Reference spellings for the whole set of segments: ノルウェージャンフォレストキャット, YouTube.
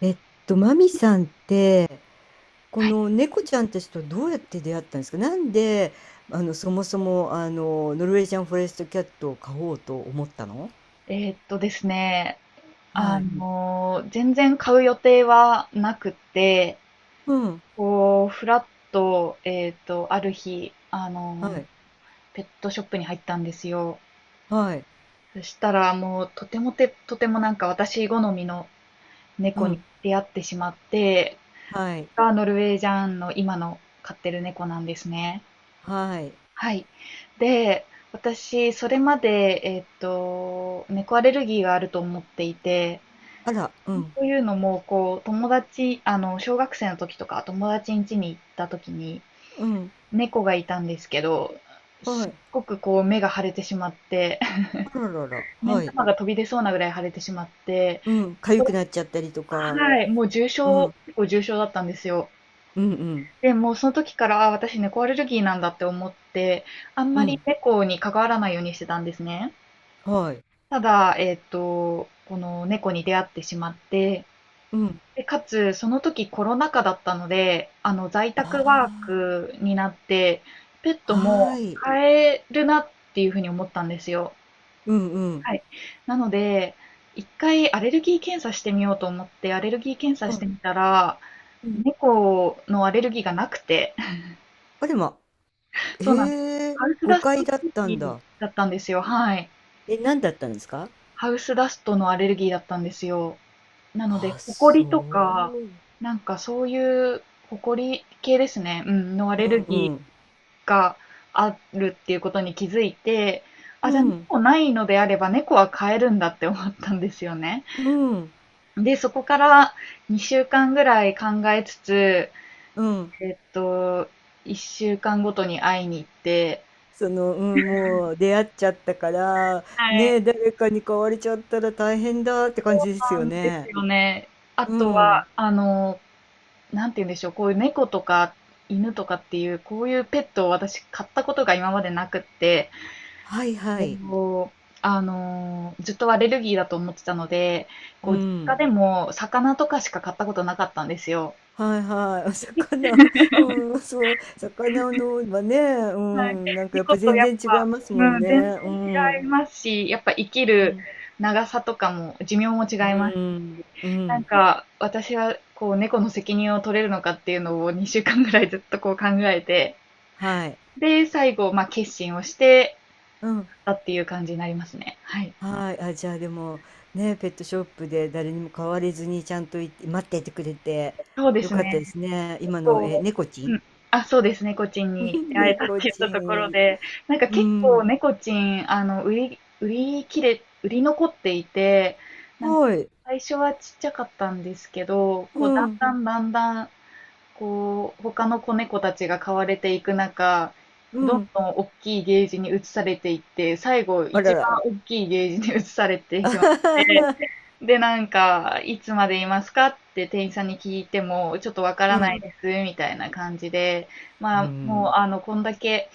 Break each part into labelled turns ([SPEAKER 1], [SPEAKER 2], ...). [SPEAKER 1] えっマミさんって、この猫ちゃんたちとどうやって出会ったんですか？なんで、そもそも、ノルウェージャンフォレストキャットを飼おうと思ったの。
[SPEAKER 2] ですね、
[SPEAKER 1] はい。
[SPEAKER 2] 全然買う予定はなくて、
[SPEAKER 1] うん。
[SPEAKER 2] こう、ふらっと、ある日、
[SPEAKER 1] はい。
[SPEAKER 2] ペットショップに入ったんですよ。
[SPEAKER 1] はい。
[SPEAKER 2] そしたら、もう、とてもなんか私好みの
[SPEAKER 1] う
[SPEAKER 2] 猫に
[SPEAKER 1] ん。
[SPEAKER 2] 出会ってしまって、
[SPEAKER 1] はい。
[SPEAKER 2] がノルウェージャンの今の飼ってる猫なんですね。
[SPEAKER 1] はい。
[SPEAKER 2] はい。で、私、それまで、猫アレルギーがあると思っていて、
[SPEAKER 1] あら、うん。
[SPEAKER 2] というのも、こう、友達、小学生の時とか、友達ん家に行った時に、
[SPEAKER 1] うん。
[SPEAKER 2] 猫がいたんですけど、
[SPEAKER 1] は
[SPEAKER 2] すっ
[SPEAKER 1] い。
[SPEAKER 2] ごくこう、目が腫れてしまって、
[SPEAKER 1] あららら。
[SPEAKER 2] 目ん
[SPEAKER 1] はい。
[SPEAKER 2] 玉が飛び出そうなぐらい腫れてしまって、
[SPEAKER 1] うん。
[SPEAKER 2] こ
[SPEAKER 1] 痒
[SPEAKER 2] こ
[SPEAKER 1] くなっちゃったりとか。
[SPEAKER 2] はい、もう重
[SPEAKER 1] う
[SPEAKER 2] 症
[SPEAKER 1] ん。
[SPEAKER 2] 結構重症だったんですよ。
[SPEAKER 1] うんうん。
[SPEAKER 2] で、もうその時から、あ、私猫アレルギーなんだって思って、あん
[SPEAKER 1] う
[SPEAKER 2] まり
[SPEAKER 1] ん。
[SPEAKER 2] 猫に関わらないようにしてたんですね。
[SPEAKER 1] はい。
[SPEAKER 2] ただ、この猫に出会ってしまって、
[SPEAKER 1] うん。
[SPEAKER 2] で、かつ、その時コロナ禍だったので、在宅ワー
[SPEAKER 1] あ
[SPEAKER 2] クになって、ペッ
[SPEAKER 1] あ。
[SPEAKER 2] トも
[SPEAKER 1] はい。
[SPEAKER 2] 飼えるなっていうふうに思ったんですよ。
[SPEAKER 1] うんうん。
[SPEAKER 2] はい。なので、一回アレルギー検査してみようと思って、アレルギー検査
[SPEAKER 1] は
[SPEAKER 2] し
[SPEAKER 1] い
[SPEAKER 2] てみたら、
[SPEAKER 1] うんああはいうんうんはうん。
[SPEAKER 2] 猫のアレルギーがなくて、
[SPEAKER 1] あれま。
[SPEAKER 2] そうなんです。
[SPEAKER 1] へえ、
[SPEAKER 2] ハウスダ
[SPEAKER 1] 誤
[SPEAKER 2] ストア
[SPEAKER 1] 解
[SPEAKER 2] レ
[SPEAKER 1] だっ
[SPEAKER 2] ル
[SPEAKER 1] た
[SPEAKER 2] ギ
[SPEAKER 1] ん
[SPEAKER 2] ー
[SPEAKER 1] だ。
[SPEAKER 2] だったんですよ。はい。
[SPEAKER 1] え、何だったんですか？
[SPEAKER 2] ハウスダストのアレルギーだったんですよ。なので、
[SPEAKER 1] あ、
[SPEAKER 2] ホコリと
[SPEAKER 1] そ
[SPEAKER 2] か、なんかそういう、ホコリ系ですね、うん、のア
[SPEAKER 1] う。
[SPEAKER 2] レ
[SPEAKER 1] う
[SPEAKER 2] ルギ
[SPEAKER 1] んうん。
[SPEAKER 2] ーがあるっていうことに気づいて、あ、
[SPEAKER 1] う
[SPEAKER 2] じゃあ
[SPEAKER 1] ん。
[SPEAKER 2] 猫ないのであれば猫は飼えるんだって思ったんですよね。
[SPEAKER 1] うん。
[SPEAKER 2] で、そこから2週間ぐらい考えつつ、
[SPEAKER 1] うん。
[SPEAKER 2] えっと、1週間ごとに会いに行って、
[SPEAKER 1] その、うん、もう出会っちゃったから、
[SPEAKER 2] はい、
[SPEAKER 1] ねえ、誰かに買われちゃったら大変だって感じです
[SPEAKER 2] な
[SPEAKER 1] よ
[SPEAKER 2] んです
[SPEAKER 1] ね。
[SPEAKER 2] よね。あ
[SPEAKER 1] う
[SPEAKER 2] と
[SPEAKER 1] ん。
[SPEAKER 2] は、なんて言うんでしょう、こういう猫とか犬とかっていう、こういうペットを私買ったことが今までなくって、
[SPEAKER 1] はいはい。
[SPEAKER 2] こうずっとアレルギーだと思ってたので、
[SPEAKER 1] う
[SPEAKER 2] こう、実家
[SPEAKER 1] ん。
[SPEAKER 2] でも魚とかしか買ったことなかったんですよ。
[SPEAKER 1] はいはい。お魚、うん、そう。魚のはね、う
[SPEAKER 2] はい。
[SPEAKER 1] ん、なんかやっ
[SPEAKER 2] 猫
[SPEAKER 1] ぱ
[SPEAKER 2] と
[SPEAKER 1] 全
[SPEAKER 2] やっ
[SPEAKER 1] 然違
[SPEAKER 2] ぱ、
[SPEAKER 1] いますもん
[SPEAKER 2] うん、全然
[SPEAKER 1] ね。う
[SPEAKER 2] 違い
[SPEAKER 1] ん。
[SPEAKER 2] ますし、やっぱ生き
[SPEAKER 1] う
[SPEAKER 2] る
[SPEAKER 1] ん。
[SPEAKER 2] 長さとかも、寿命も違
[SPEAKER 1] う
[SPEAKER 2] います
[SPEAKER 1] ん。
[SPEAKER 2] し、
[SPEAKER 1] う
[SPEAKER 2] なん
[SPEAKER 1] ん。
[SPEAKER 2] か、私はこう、猫の責任を取れるのかっていうのを2週間ぐらいずっとこう考えて、
[SPEAKER 1] はい。
[SPEAKER 2] で、最後、まあ、決心をして
[SPEAKER 1] うん。
[SPEAKER 2] たっていう感じになりますね。はい。
[SPEAKER 1] はい。あ、じゃあでも、ね、ペットショップで誰にも買われずにちゃんといて待っていてくれて
[SPEAKER 2] そうで
[SPEAKER 1] よ
[SPEAKER 2] す
[SPEAKER 1] かったで
[SPEAKER 2] ね。
[SPEAKER 1] すね。今の、え、
[SPEAKER 2] こ
[SPEAKER 1] 猫ち
[SPEAKER 2] う
[SPEAKER 1] ん。
[SPEAKER 2] ん。あ、そうですね、猫ちんに 出会えたって
[SPEAKER 1] 猫
[SPEAKER 2] 言った
[SPEAKER 1] ち
[SPEAKER 2] ところ
[SPEAKER 1] ん。
[SPEAKER 2] で、なんか
[SPEAKER 1] う
[SPEAKER 2] 結構
[SPEAKER 1] ん。
[SPEAKER 2] 猫ちん、売り残っていて、なんか
[SPEAKER 1] はい。
[SPEAKER 2] 最初はちっちゃかったんですけど、
[SPEAKER 1] う
[SPEAKER 2] こう、だん
[SPEAKER 1] ん。
[SPEAKER 2] だんだんだん、こう、他の子猫たちが飼われていく中、
[SPEAKER 1] う
[SPEAKER 2] どん
[SPEAKER 1] ん。
[SPEAKER 2] どん大きいゲージに移されていって、最後
[SPEAKER 1] あら
[SPEAKER 2] 一
[SPEAKER 1] ら。
[SPEAKER 2] 番大きいゲージに移されてしまって で、なんか、いつまでいますかって店員さんに聞いても、ちょっとわか
[SPEAKER 1] う
[SPEAKER 2] らな
[SPEAKER 1] ん。
[SPEAKER 2] いです、みたいな感じで、ま
[SPEAKER 1] う
[SPEAKER 2] あ、も
[SPEAKER 1] ん。
[SPEAKER 2] う、こんだけ、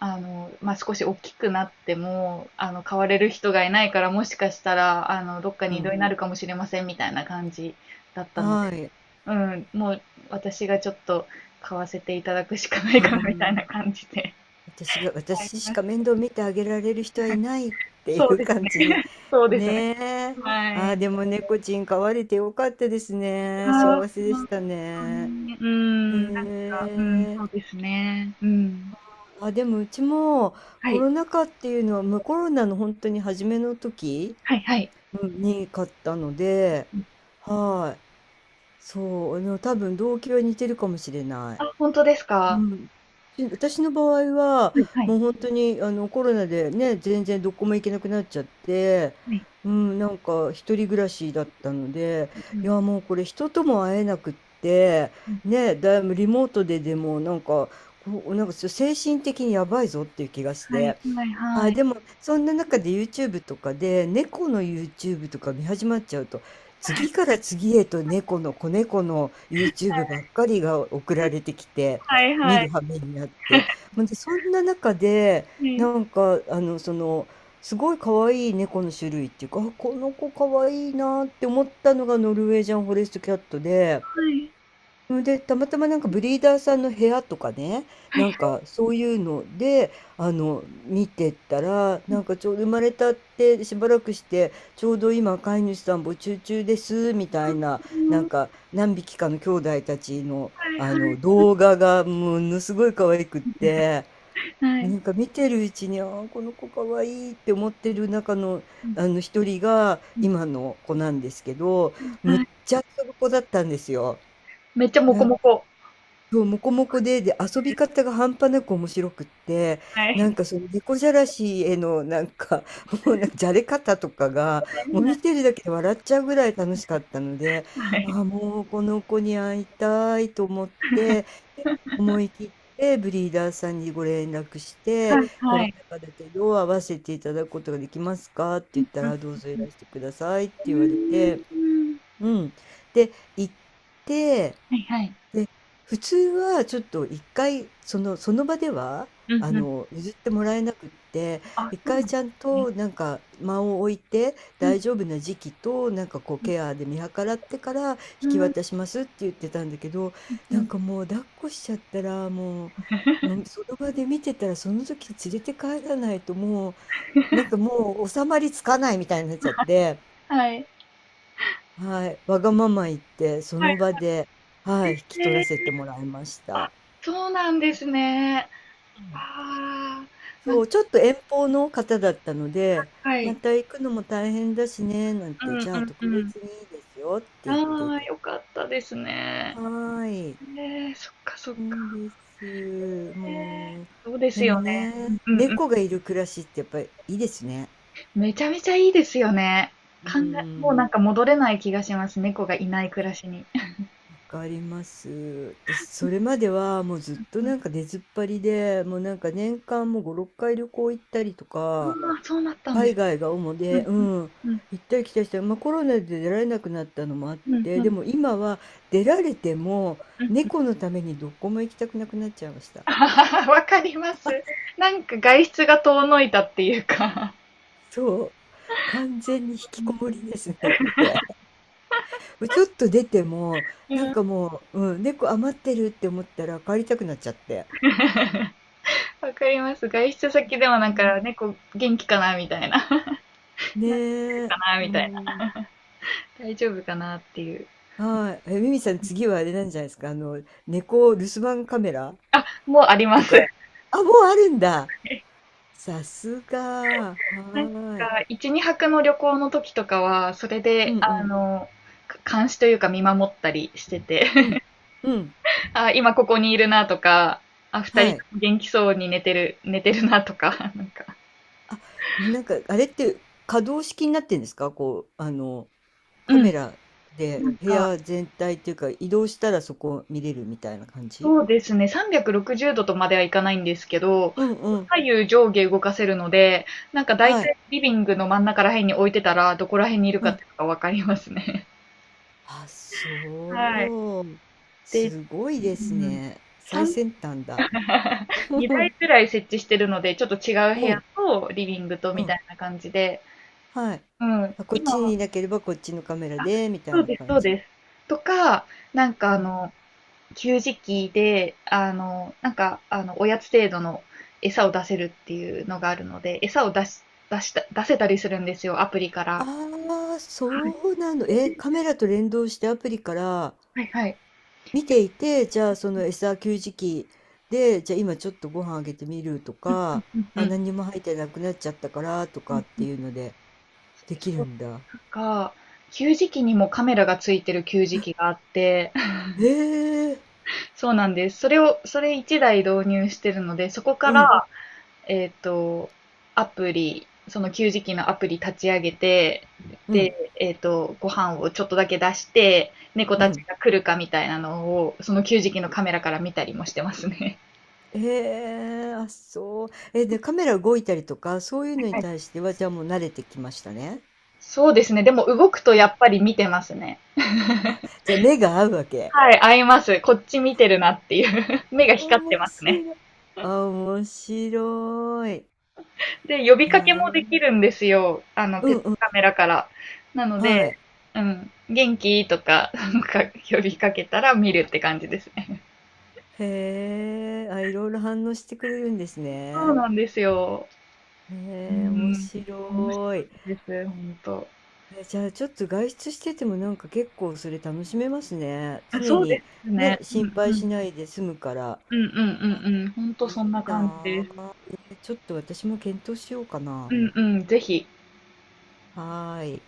[SPEAKER 2] まあ、少し大きくなっても、買われる人がいないから、もしかしたら、どっか
[SPEAKER 1] う
[SPEAKER 2] に異動
[SPEAKER 1] ん。
[SPEAKER 2] になるかもしれません、みたいな感じだったの
[SPEAKER 1] は
[SPEAKER 2] で、
[SPEAKER 1] い。
[SPEAKER 2] うん、もう、私がちょっと買わせていただくしかない
[SPEAKER 1] う
[SPEAKER 2] かな、みたいな
[SPEAKER 1] ん。
[SPEAKER 2] 感じで。
[SPEAKER 1] 私が私しか面倒見てあげられる人はいないってい
[SPEAKER 2] そう
[SPEAKER 1] う
[SPEAKER 2] です
[SPEAKER 1] 感
[SPEAKER 2] ね。
[SPEAKER 1] じに。
[SPEAKER 2] そう ですね。
[SPEAKER 1] ねえ。
[SPEAKER 2] は
[SPEAKER 1] ああ、
[SPEAKER 2] い。
[SPEAKER 1] でも猫ちん飼われてよかったですね。
[SPEAKER 2] ああ、
[SPEAKER 1] 幸せでした
[SPEAKER 2] ほ
[SPEAKER 1] ね。
[SPEAKER 2] に。うーん、なん
[SPEAKER 1] へ
[SPEAKER 2] かうん、そ
[SPEAKER 1] え。
[SPEAKER 2] うね。うん。
[SPEAKER 1] あ、でもうちも
[SPEAKER 2] は
[SPEAKER 1] コ
[SPEAKER 2] い。
[SPEAKER 1] ロナ禍っていうのは、もうコロナの本当に初めの時、
[SPEAKER 2] はいはい。
[SPEAKER 1] うんに買ったので、はい。そう、あの多分動機は似てるかもしれない。
[SPEAKER 2] あ、本当ですか？は
[SPEAKER 1] うん。し私の場合は、
[SPEAKER 2] いはい。
[SPEAKER 1] もう本当にコロナでね、全然どこも行けなくなっちゃって、
[SPEAKER 2] はい。
[SPEAKER 1] うん、なんか一人暮らしだったので、
[SPEAKER 2] う
[SPEAKER 1] い
[SPEAKER 2] ん。
[SPEAKER 1] やもうこれ人とも会えなくって、ね、だいぶリモートででもなんか、こう、なんかちょっと精神的にやばいぞっていう気がし
[SPEAKER 2] はい
[SPEAKER 1] て。
[SPEAKER 2] はいは
[SPEAKER 1] あ、
[SPEAKER 2] い。
[SPEAKER 1] でも、そんな中で YouTube とかで、猫の YouTube とか見始まっちゃうと、次から次へと猫の子猫の YouTube ばっかりが送られてきて、
[SPEAKER 2] はいは
[SPEAKER 1] 見る
[SPEAKER 2] い。
[SPEAKER 1] 羽目になって。ほんで、そんな中で、
[SPEAKER 2] う
[SPEAKER 1] な
[SPEAKER 2] ん。
[SPEAKER 1] んか、すごい可愛い猫の種類っていうか、あ、この子可愛いなって思ったのがノルウェージャンフォレストキャットで、
[SPEAKER 2] はい。
[SPEAKER 1] うん、で、たまたまなんかブリーダーさんの部屋とかね、
[SPEAKER 2] はい。
[SPEAKER 1] なんかそういうので、見てたら、なんかちょうど生まれたってしばらくして、ちょうど今飼い主さん募集中です、みたいな、
[SPEAKER 2] う
[SPEAKER 1] な
[SPEAKER 2] ん。
[SPEAKER 1] ん
[SPEAKER 2] は
[SPEAKER 1] か何匹かの兄弟たちの、
[SPEAKER 2] いは
[SPEAKER 1] 動画がものすごい可愛くって、
[SPEAKER 2] い。は
[SPEAKER 1] な
[SPEAKER 2] い。
[SPEAKER 1] んか見てるうちに、あーこの子可愛いいって思ってる中の、
[SPEAKER 2] うん、
[SPEAKER 1] あの一人が
[SPEAKER 2] う
[SPEAKER 1] 今の子なんですけど、
[SPEAKER 2] ん。
[SPEAKER 1] む
[SPEAKER 2] は
[SPEAKER 1] っ
[SPEAKER 2] い。
[SPEAKER 1] ちゃ遊ぶ子だったんですよ。
[SPEAKER 2] めっちゃモ
[SPEAKER 1] な
[SPEAKER 2] コ
[SPEAKER 1] ん
[SPEAKER 2] モコ。
[SPEAKER 1] そう、モコモコで、で、遊び方が半端なく面白くって、
[SPEAKER 2] はい。は
[SPEAKER 1] なん
[SPEAKER 2] い
[SPEAKER 1] かその猫じゃらしへのなんか、もうなんかじゃれ方とかが、
[SPEAKER 2] は
[SPEAKER 1] もう
[SPEAKER 2] い。
[SPEAKER 1] 見てるだけで笑っちゃうぐらい楽しかったので、
[SPEAKER 2] はい。
[SPEAKER 1] ああ、もうこの子に会いたいと思って、で、思い切ってブリーダーさんにご連絡して、
[SPEAKER 2] はい
[SPEAKER 1] コ
[SPEAKER 2] は
[SPEAKER 1] ロ
[SPEAKER 2] い。
[SPEAKER 1] ナ禍だけど会わせていただくことができますかって
[SPEAKER 2] う
[SPEAKER 1] 言
[SPEAKER 2] ん
[SPEAKER 1] った
[SPEAKER 2] うん。うん
[SPEAKER 1] ら、どうぞい
[SPEAKER 2] うん。
[SPEAKER 1] らしてくださいって
[SPEAKER 2] う
[SPEAKER 1] 言われて、
[SPEAKER 2] ーん。
[SPEAKER 1] うん。で、行って、
[SPEAKER 2] はいはい。
[SPEAKER 1] で、普通はちょっと1回その場では、
[SPEAKER 2] うんうん。
[SPEAKER 1] 譲ってもらえなくって、
[SPEAKER 2] あ、
[SPEAKER 1] 1
[SPEAKER 2] そうな
[SPEAKER 1] 回
[SPEAKER 2] んで
[SPEAKER 1] ちゃん
[SPEAKER 2] すね。
[SPEAKER 1] となんか間を置いて、
[SPEAKER 2] うん、
[SPEAKER 1] 大丈夫な時期と、なんかこう
[SPEAKER 2] う
[SPEAKER 1] ケアで見計らってから、引き
[SPEAKER 2] ん。うーん。
[SPEAKER 1] 渡しますって言ってたんだけど、
[SPEAKER 2] うん
[SPEAKER 1] な
[SPEAKER 2] う
[SPEAKER 1] ん
[SPEAKER 2] ん。
[SPEAKER 1] かもう抱っこしちゃったら、もうその場で見てたら、その時連れて帰らないともう、なんかもう収まりつかないみたいになっちゃって、
[SPEAKER 2] はい。
[SPEAKER 1] はい、わがまま言って、そ
[SPEAKER 2] はい。
[SPEAKER 1] の場で、はい、引き取
[SPEAKER 2] へ
[SPEAKER 1] ら
[SPEAKER 2] え、
[SPEAKER 1] せてもらいました。
[SPEAKER 2] そうなんですね。ああ、なん
[SPEAKER 1] そ
[SPEAKER 2] か
[SPEAKER 1] う、ちょっと遠方の方だったので、
[SPEAKER 2] はい。
[SPEAKER 1] また行くのも大変だしね、なん
[SPEAKER 2] う
[SPEAKER 1] て、
[SPEAKER 2] ん
[SPEAKER 1] じゃあ
[SPEAKER 2] うん
[SPEAKER 1] 特
[SPEAKER 2] うん。
[SPEAKER 1] 別にいいですよって
[SPEAKER 2] あ
[SPEAKER 1] 言ってい
[SPEAKER 2] あ、
[SPEAKER 1] た。
[SPEAKER 2] よかったですね。
[SPEAKER 1] はーい。
[SPEAKER 2] えー、そっかそっ
[SPEAKER 1] そ
[SPEAKER 2] か。
[SPEAKER 1] うです。
[SPEAKER 2] え
[SPEAKER 1] もう、
[SPEAKER 2] ー、そうです
[SPEAKER 1] でも
[SPEAKER 2] よね。うん
[SPEAKER 1] ね、
[SPEAKER 2] うん。
[SPEAKER 1] 猫がいる暮らしってやっぱりいいですね。
[SPEAKER 2] めちゃめちゃいいですよね。
[SPEAKER 1] う
[SPEAKER 2] もうなん
[SPEAKER 1] ん。
[SPEAKER 2] か戻れない気がします。猫がいない暮らしに。
[SPEAKER 1] わかります。私、それまではもうずっと
[SPEAKER 2] うん。
[SPEAKER 1] なんか出ずっぱりで、もうなんか年間もう5、6回旅行行ったりとか、
[SPEAKER 2] ああ、そうなったんで
[SPEAKER 1] 海
[SPEAKER 2] すね。
[SPEAKER 1] 外が主
[SPEAKER 2] う
[SPEAKER 1] で、
[SPEAKER 2] ん
[SPEAKER 1] う
[SPEAKER 2] うん。
[SPEAKER 1] ん、
[SPEAKER 2] うん。
[SPEAKER 1] 行ったり来たりして、まあ、コロナで出られなくなったのもあっ
[SPEAKER 2] うん
[SPEAKER 1] て、
[SPEAKER 2] う
[SPEAKER 1] で
[SPEAKER 2] ん
[SPEAKER 1] も今は出られても、
[SPEAKER 2] うん。
[SPEAKER 1] 猫のためにどこも行きたくなくなっちゃいまし た。
[SPEAKER 2] あははわかります。なんか外出が遠のいたっていうか。
[SPEAKER 1] そう。完全に引きこもりですね、これ。ちょっと出ても、なんかもう、うん、猫余ってるって思ったら帰りたくなっちゃって。
[SPEAKER 2] わかります。外出先でも
[SPEAKER 1] う
[SPEAKER 2] なん
[SPEAKER 1] ん。
[SPEAKER 2] か猫元気かなみたいな。なんか
[SPEAKER 1] ね
[SPEAKER 2] か
[SPEAKER 1] え。
[SPEAKER 2] なみ
[SPEAKER 1] う
[SPEAKER 2] たいな。
[SPEAKER 1] ん。
[SPEAKER 2] 大丈夫かなっていう。
[SPEAKER 1] はい。え、ミミさん、次はあれなんじゃないですか、猫留守番カメラ
[SPEAKER 2] もうありま
[SPEAKER 1] と
[SPEAKER 2] す。
[SPEAKER 1] か、あ、もうあるんだ。さすが、は
[SPEAKER 2] なんか、
[SPEAKER 1] ーい。
[SPEAKER 2] 1、2泊の旅行の時とかは、それ
[SPEAKER 1] う
[SPEAKER 2] で、
[SPEAKER 1] んうん。
[SPEAKER 2] 監視というか見守ったりしてて、
[SPEAKER 1] うん。うん。
[SPEAKER 2] あ、今ここにいるなとか、あ、二
[SPEAKER 1] は
[SPEAKER 2] 人
[SPEAKER 1] い。
[SPEAKER 2] 元気そうに寝てるなとか、なんか、
[SPEAKER 1] あ、なんか、あれって可動式になってんですか？こう、
[SPEAKER 2] う
[SPEAKER 1] カメ
[SPEAKER 2] ん。
[SPEAKER 1] ラ
[SPEAKER 2] な
[SPEAKER 1] で
[SPEAKER 2] ん
[SPEAKER 1] 部
[SPEAKER 2] か、
[SPEAKER 1] 屋全体っていうか、移動したらそこ見れるみたいな感じ。
[SPEAKER 2] そうですね、360度とまではいかないんですけど、
[SPEAKER 1] うんうん。
[SPEAKER 2] 左右上下動かせるので、なんか大
[SPEAKER 1] はい。
[SPEAKER 2] 体リビングの真ん中ら辺に置いてたら、どこら辺にいる
[SPEAKER 1] う
[SPEAKER 2] かっ
[SPEAKER 1] ん。
[SPEAKER 2] ていうのがわかりますね。
[SPEAKER 1] あ、
[SPEAKER 2] はい。
[SPEAKER 1] そう。
[SPEAKER 2] で、
[SPEAKER 1] すごいで
[SPEAKER 2] う
[SPEAKER 1] す
[SPEAKER 2] ん、
[SPEAKER 1] ね。最
[SPEAKER 2] 3
[SPEAKER 1] 先端だ。
[SPEAKER 2] 2台 くらい設置してるので、ちょっと違う部
[SPEAKER 1] おう。
[SPEAKER 2] 屋とリビングと
[SPEAKER 1] う
[SPEAKER 2] みた
[SPEAKER 1] ん。
[SPEAKER 2] いな感じで、
[SPEAKER 1] はい。
[SPEAKER 2] うん、
[SPEAKER 1] あ、こっ
[SPEAKER 2] 今
[SPEAKER 1] ち
[SPEAKER 2] は
[SPEAKER 1] にいなければこっちのカメラで、みた
[SPEAKER 2] そ
[SPEAKER 1] い
[SPEAKER 2] う
[SPEAKER 1] な
[SPEAKER 2] です、
[SPEAKER 1] 感
[SPEAKER 2] そう
[SPEAKER 1] じ。
[SPEAKER 2] です。とか、なんか給餌器で、なんか、おやつ程度の餌を出せるっていうのがあるので、餌を出せたりするんですよ、アプリから。
[SPEAKER 1] ああ、そうなの。え、カメラと連動してアプリから
[SPEAKER 2] はいはい。
[SPEAKER 1] 見ていて、じゃあその餌給餌器で、じゃあ今ちょっとご飯あげてみると
[SPEAKER 2] うんうん
[SPEAKER 1] か、
[SPEAKER 2] うん
[SPEAKER 1] あ、
[SPEAKER 2] うん
[SPEAKER 1] 何にも入ってなくなっちゃったからと
[SPEAKER 2] う
[SPEAKER 1] かっ
[SPEAKER 2] んう
[SPEAKER 1] て
[SPEAKER 2] ん。
[SPEAKER 1] いうのででき
[SPEAKER 2] そ
[SPEAKER 1] る
[SPEAKER 2] う、
[SPEAKER 1] んだ。
[SPEAKER 2] なんか、給餌器にもカメラがついてる給餌器があって、
[SPEAKER 1] ええ
[SPEAKER 2] そうなんです。それ1台導入してるので、そこか
[SPEAKER 1] うん、
[SPEAKER 2] ら、えっと、アプリ、その給餌器のアプリ立ち上げて、
[SPEAKER 1] う
[SPEAKER 2] で、
[SPEAKER 1] ん、
[SPEAKER 2] ご飯をちょっとだけ出して、猫
[SPEAKER 1] う
[SPEAKER 2] たち
[SPEAKER 1] ん。
[SPEAKER 2] が来るかみたいなのを、その給餌器のカメラから見たりもしてますね。
[SPEAKER 1] ええあ、そう。え、で、カメラ動いたりとか、そういうのに
[SPEAKER 2] はい
[SPEAKER 1] 対しては、じゃあもう慣れてきましたね。
[SPEAKER 2] そうですね。でも動くと
[SPEAKER 1] う
[SPEAKER 2] や
[SPEAKER 1] ん。
[SPEAKER 2] っぱり見てますね。
[SPEAKER 1] じゃあ目が合うわけ。
[SPEAKER 2] はい、合います。こっち見てるなっていう。目が光って
[SPEAKER 1] 面
[SPEAKER 2] ます
[SPEAKER 1] 白
[SPEAKER 2] ね。
[SPEAKER 1] い。面白い。
[SPEAKER 2] で、呼びかけもで
[SPEAKER 1] な
[SPEAKER 2] きるんですよ。
[SPEAKER 1] う
[SPEAKER 2] ペッ
[SPEAKER 1] ん
[SPEAKER 2] ト
[SPEAKER 1] うん、
[SPEAKER 2] カメラから。なので、
[SPEAKER 1] はい。
[SPEAKER 2] うん、元気とか、なんか呼びかけたら見るって感じですね。
[SPEAKER 1] へえ、あ、いろいろ反応してくれるんです
[SPEAKER 2] そう
[SPEAKER 1] ね。
[SPEAKER 2] なんですよ。う
[SPEAKER 1] へえ、面
[SPEAKER 2] ん、面白い
[SPEAKER 1] 白い。
[SPEAKER 2] です、ほんと。
[SPEAKER 1] え、じゃあちょっと外出しててもなんか結構それ楽しめますね。
[SPEAKER 2] あ
[SPEAKER 1] 常
[SPEAKER 2] そうで
[SPEAKER 1] に
[SPEAKER 2] すね。
[SPEAKER 1] ね、
[SPEAKER 2] う
[SPEAKER 1] 心
[SPEAKER 2] ん
[SPEAKER 1] 配
[SPEAKER 2] う
[SPEAKER 1] し
[SPEAKER 2] ん。
[SPEAKER 1] ないで済むから。
[SPEAKER 2] うんうんうんうん。ほんと
[SPEAKER 1] い
[SPEAKER 2] そんな
[SPEAKER 1] い
[SPEAKER 2] 感じ
[SPEAKER 1] な
[SPEAKER 2] です。
[SPEAKER 1] あ。えーちょっと私も検討しようか
[SPEAKER 2] う
[SPEAKER 1] な。
[SPEAKER 2] んうん、ぜひ。
[SPEAKER 1] はーい。